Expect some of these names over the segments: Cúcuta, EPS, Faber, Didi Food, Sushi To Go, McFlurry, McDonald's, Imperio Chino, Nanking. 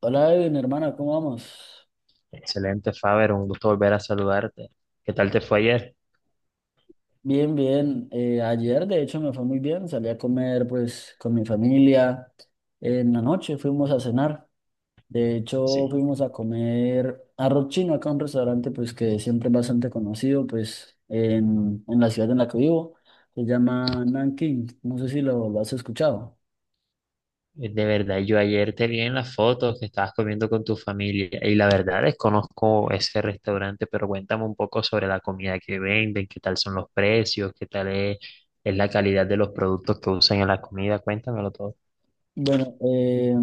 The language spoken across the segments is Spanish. Hola, Edwin, hermana, ¿cómo vamos? Excelente, Faber, un gusto volver a saludarte. ¿Qué tal te fue ayer? Bien, bien. Ayer, de hecho, me fue muy bien. Salí a comer, pues, con mi familia. En la noche fuimos a cenar. De hecho, Sí, fuimos a comer arroz chino acá un restaurante, pues, que siempre es bastante conocido, pues, en la ciudad en la que vivo. Se llama Nanking. No sé si lo has escuchado. de verdad, yo ayer te vi en las fotos que estabas comiendo con tu familia y la verdad desconozco ese restaurante, pero cuéntame un poco sobre la comida que venden, qué tal son los precios, qué tal es la calidad de los productos que usan en la comida, cuéntamelo todo. Bueno,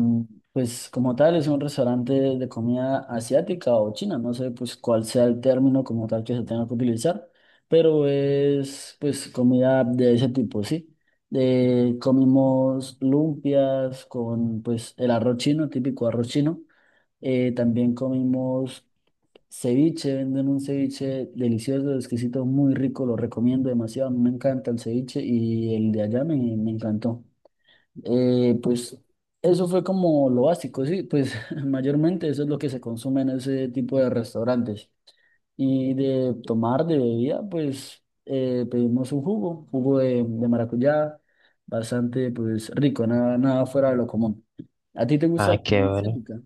pues como tal es un restaurante de comida asiática o china, no sé pues cuál sea el término como tal que se tenga que utilizar, pero es pues comida de ese tipo, sí. Comimos lumpias con pues el arroz chino, típico arroz chino. También comimos ceviche, venden un ceviche delicioso, exquisito, muy rico, lo recomiendo demasiado, a mí me encanta el ceviche y el de allá me encantó. Pues eso fue como lo básico, sí, pues mayormente eso es lo que se consume en ese tipo de restaurantes. Y de tomar, de bebida, pues pedimos un jugo, jugo de maracuyá, bastante pues rico, nada, nada fuera de lo común. ¿A ti te gusta Ah, la qué comida bueno. asiática?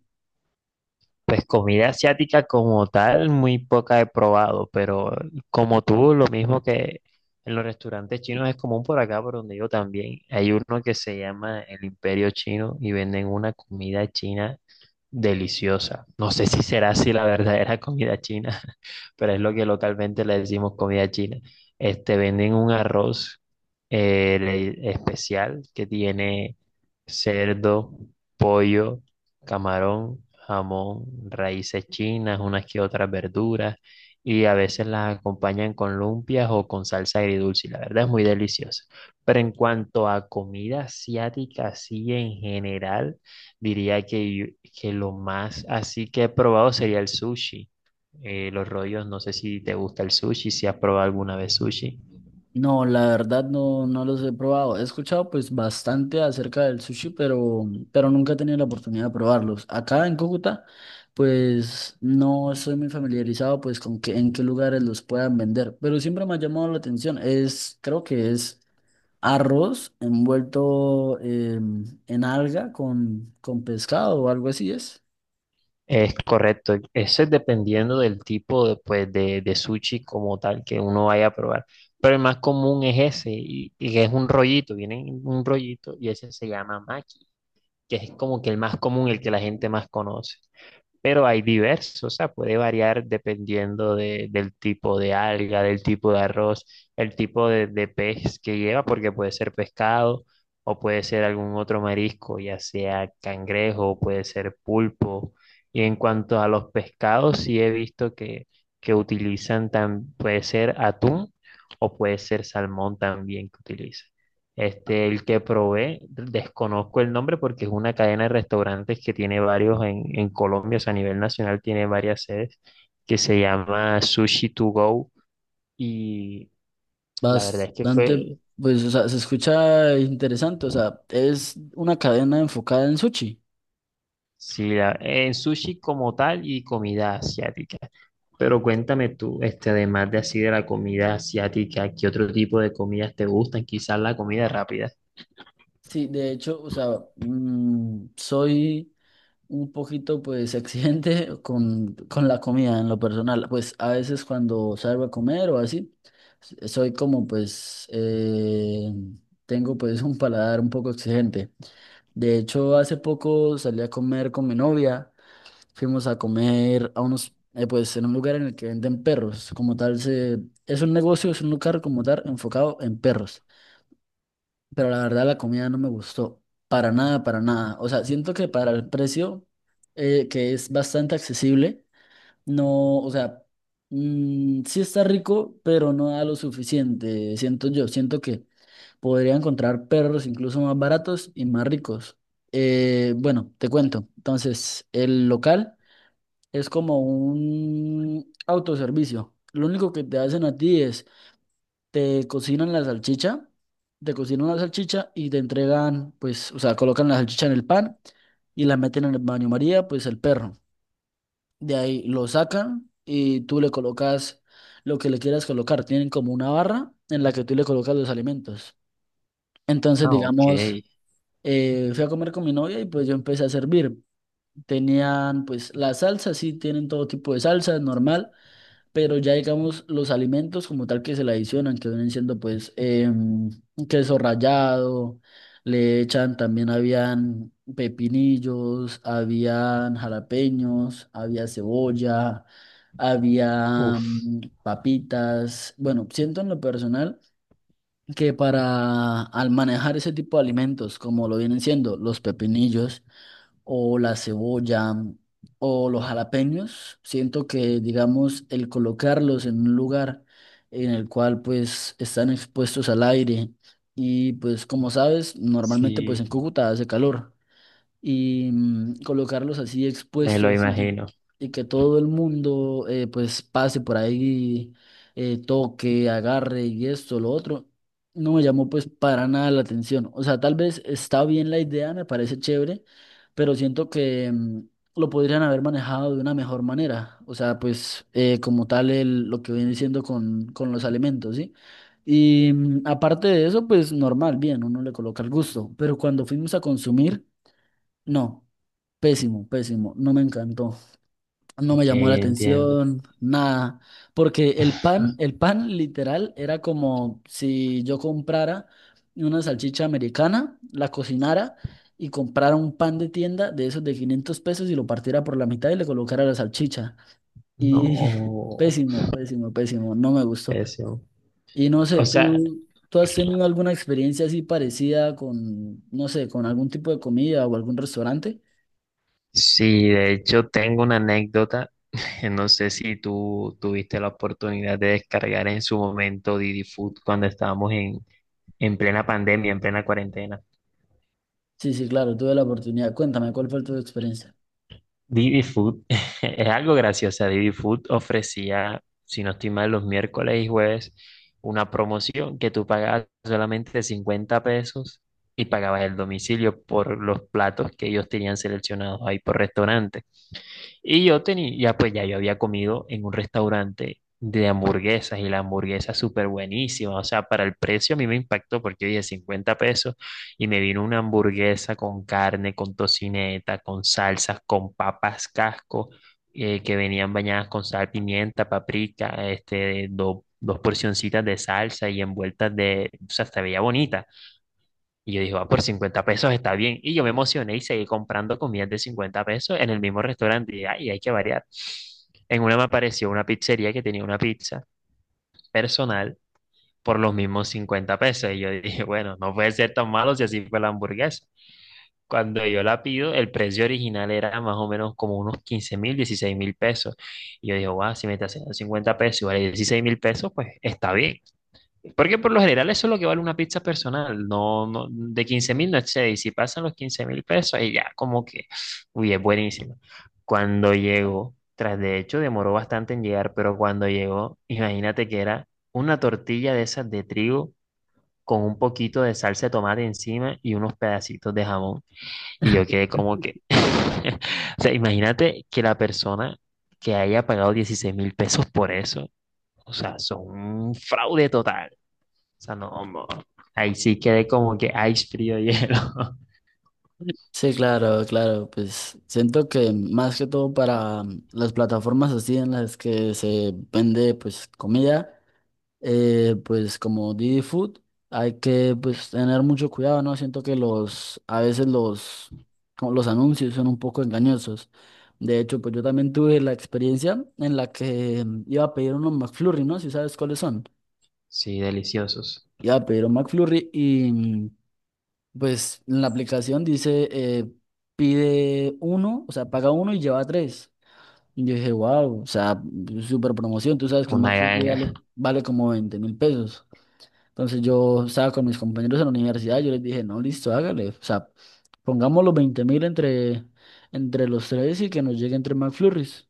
Pues comida asiática como tal, muy poca he probado, pero como tú, lo mismo que en los restaurantes chinos es común por acá, por donde yo también. Hay uno que se llama el Imperio Chino y venden una comida china deliciosa. No sé si será así la verdadera comida china, pero es lo que localmente le decimos comida china. Este, venden un arroz especial que tiene cerdo, pollo, camarón, jamón, raíces chinas, unas que otras verduras, y a veces las acompañan con lumpias o con salsa agridulce. Y la verdad es muy deliciosa. Pero en cuanto a comida asiática, así en general, diría que lo más así que he probado sería el sushi. Los rollos, no sé si te gusta el sushi, si has probado alguna vez sushi. No, la verdad no, no los he probado. He escuchado pues bastante acerca del sushi, pero nunca he tenido la oportunidad de probarlos. Acá en Cúcuta, pues no estoy muy familiarizado pues con que, en qué lugares los puedan vender, pero siempre me ha llamado la atención. Creo que es arroz envuelto en alga con pescado o algo así es. Es correcto, eso es dependiendo del tipo de, pues, de sushi como tal que uno vaya a probar. Pero el más común es ese, y es un rollito, viene en un rollito y ese se llama maki, que es como que el más común, el que la gente más conoce. Pero hay diversos, o sea, puede variar dependiendo del tipo de alga, del tipo de arroz, el tipo de pez que lleva, porque puede ser pescado o puede ser algún otro marisco, ya sea cangrejo, puede ser pulpo. Y en cuanto a los pescados, sí he visto que utilizan, puede ser atún o puede ser salmón también que utilizan. Este, el que probé, desconozco el nombre porque es una cadena de restaurantes que tiene varios en Colombia, o sea, a nivel nacional tiene varias sedes, que se llama Sushi To Go. Y la verdad es que Bastante, fue, pues o sea, se escucha interesante. O sea, es una cadena enfocada en sushi. sí, en sushi como tal y comida asiática. Pero cuéntame tú, este, además de así de la comida asiática, ¿qué otro tipo de comidas te gustan? Quizás la comida rápida. Sí, de hecho, o sea, soy un poquito pues exigente con la comida en lo personal. Pues a veces cuando salgo a comer o así, soy como pues, tengo pues un paladar un poco exigente. De hecho, hace poco salí a comer con mi novia, fuimos a comer a pues en un lugar en el que venden perros, como tal, es un negocio, es un lugar como tal enfocado en perros, pero la verdad la comida no me gustó para nada, para nada. O sea, siento que para el precio, que es bastante accesible, no, o sea, sí está rico, pero no da lo suficiente, siento yo, siento que podría encontrar perros incluso más baratos y más ricos. Bueno, te cuento. Entonces, el local es como un autoservicio. Lo único que te hacen a ti es te cocinan la salchicha, te cocinan la salchicha y te entregan, pues, o sea, colocan la salchicha en el pan y la meten en el baño María, pues el perro. De ahí lo sacan y tú le colocas lo que le quieras colocar. Tienen como una barra en la que tú le colocas los alimentos. Entonces, Ah, ok. digamos, fui a comer con mi novia y pues yo empecé a servir. Tenían pues las salsas, sí, tienen todo tipo de salsas, normal, pero ya digamos los alimentos como tal que se le adicionan, que vienen siendo pues queso rallado, le echan también habían pepinillos, habían jalapeños, había cebolla, había Uf, papitas. Bueno, siento en lo personal que para al manejar ese tipo de alimentos, como lo vienen siendo los pepinillos, o la cebolla o los jalapeños. Siento que, digamos, el colocarlos en un lugar en el cual pues están expuestos al aire y pues como sabes, normalmente pues en sí, Cúcuta hace calor y colocarlos así me lo expuestos y que, imagino. y que todo el mundo pues pase por ahí, toque, agarre y esto, lo otro, no me llamó pues para nada la atención. O sea, tal vez está bien la idea, me parece chévere, pero siento que lo podrían haber manejado de una mejor manera. O sea, pues como tal lo que viene siendo con los alimentos, ¿sí? Y aparte de eso, pues normal, bien, uno le coloca el gusto, pero cuando fuimos a consumir. No, pésimo, pésimo, no me encantó, no me Ok, llamó la entiendo. atención, nada, porque el pan literal era como si yo comprara una salchicha americana, la cocinara y comprara un pan de tienda de esos de 500 pesos y lo partiera por la mitad y le colocara la salchicha. Y No, pésimo, pésimo, pésimo, no me gustó. pésimo. Y no sé, O sea, ¿tú has tenido alguna experiencia así parecida con, no sé, con algún tipo de comida o algún restaurante? sí, de hecho tengo una anécdota. No sé si tú tuviste la oportunidad de descargar en su momento Didi Food cuando estábamos en plena pandemia, en plena cuarentena. Sí, sí, claro, tuve la oportunidad. Cuéntame, ¿cuál fue tu experiencia? Didi Food es algo gracioso. Didi Food ofrecía, si no estoy mal, los miércoles y jueves una promoción que tú pagabas solamente $50 y pagabas el domicilio por los platos que ellos tenían seleccionados ahí por restaurante. Y yo tenía, ya pues ya yo había comido en un restaurante de hamburguesas y la hamburguesa súper buenísima. O sea, para el precio a mí me impactó porque yo dije $50 y me vino una hamburguesa con carne, con tocineta, con salsas, con papas casco, que venían bañadas con sal, pimienta, paprika, este, dos porcioncitas de salsa y envueltas de, o sea, se veía bonita. Y yo dije, va, por $50 está bien. Y yo me emocioné y seguí comprando comidas de $50 en el mismo restaurante. Y ay, hay que variar. En una me apareció una pizzería que tenía una pizza personal por los mismos $50. Y yo dije, bueno, no puede ser tan malo si así fue la hamburguesa. Cuando yo la pido, el precio original era más o menos como unos 15.000, $16.000. Y yo dije, wow, si me está haciendo $50 y vale $16.000, pues está bien. Porque por lo general eso es lo que vale una pizza personal, no, no de 15.000 no excede, y si pasan los $15.000, ahí ya como que, uy, es buenísimo. Cuando llegó, tras de hecho demoró bastante en llegar, pero cuando llegó, imagínate que era una tortilla de esas de trigo con un poquito de salsa de tomate encima y unos pedacitos de jamón. Y yo quedé como que, o sea, imagínate que la persona que haya pagado $16.000 por eso, o sea, son un fraude total. O sea, no, ahí sí quedé como que ice frío hielo. Sí, claro, claro, pues siento que más que todo para las plataformas así en las que se vende pues comida, pues como Didi Food, hay que pues tener mucho cuidado, ¿no? Siento que a veces como los anuncios son un poco engañosos. De hecho, pues yo también tuve la experiencia en la que iba a pedir unos McFlurry, ¿no? Si sabes cuáles son. Sí, deliciosos. Iba a pedir un McFlurry y pues en la aplicación dice, pide uno, o sea, paga uno y lleva tres. Y yo dije, wow, o sea, súper promoción. Tú sabes que un Una McFlurry ganga. vale como 20.000 pesos. Entonces yo estaba con mis compañeros en la universidad, yo les dije, no, listo, hágale. O sea, pongamos los 20.000 entre los tres y que nos lleguen tres McFlurries.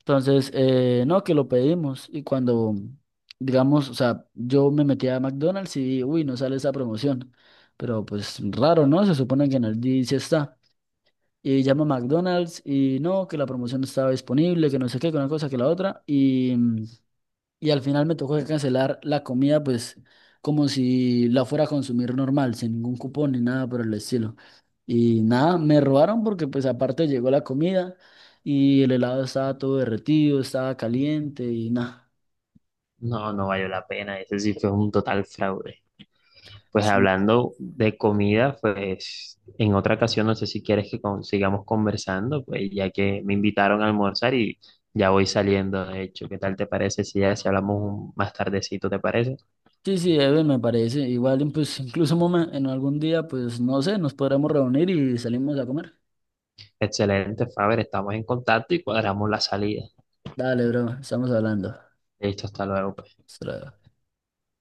Entonces, no, que lo pedimos y cuando, digamos, o sea, yo me metí a McDonald's y vi, uy, no sale esa promoción, pero pues raro, ¿no? Se supone que en el día sí está. Y llamo a McDonald's y no, que la promoción no estaba disponible, que no sé qué, que una cosa, que la otra, y al final me tocó que cancelar la comida, pues como si la fuera a consumir normal, sin ningún cupón ni nada por el estilo. Y nada, me robaron porque pues aparte llegó la comida y el helado estaba todo derretido, estaba caliente y nada. No, no valió la pena. Ese sí fue un total fraude. Pues Sí, hablando de comida, pues en otra ocasión, no sé si quieres que sigamos conversando, pues ya que me invitaron a almorzar y ya voy saliendo, de hecho. ¿Qué tal te parece si ya si hablamos más tardecito, te parece? sí, sí, Eben, me parece. Igual, pues incluso en algún día, pues no sé, nos podremos reunir y salimos a comer. Excelente, Faber, estamos en contacto y cuadramos la salida. Dale, bro, estamos hablando. Listo, hasta luego, pues. Hasta luego.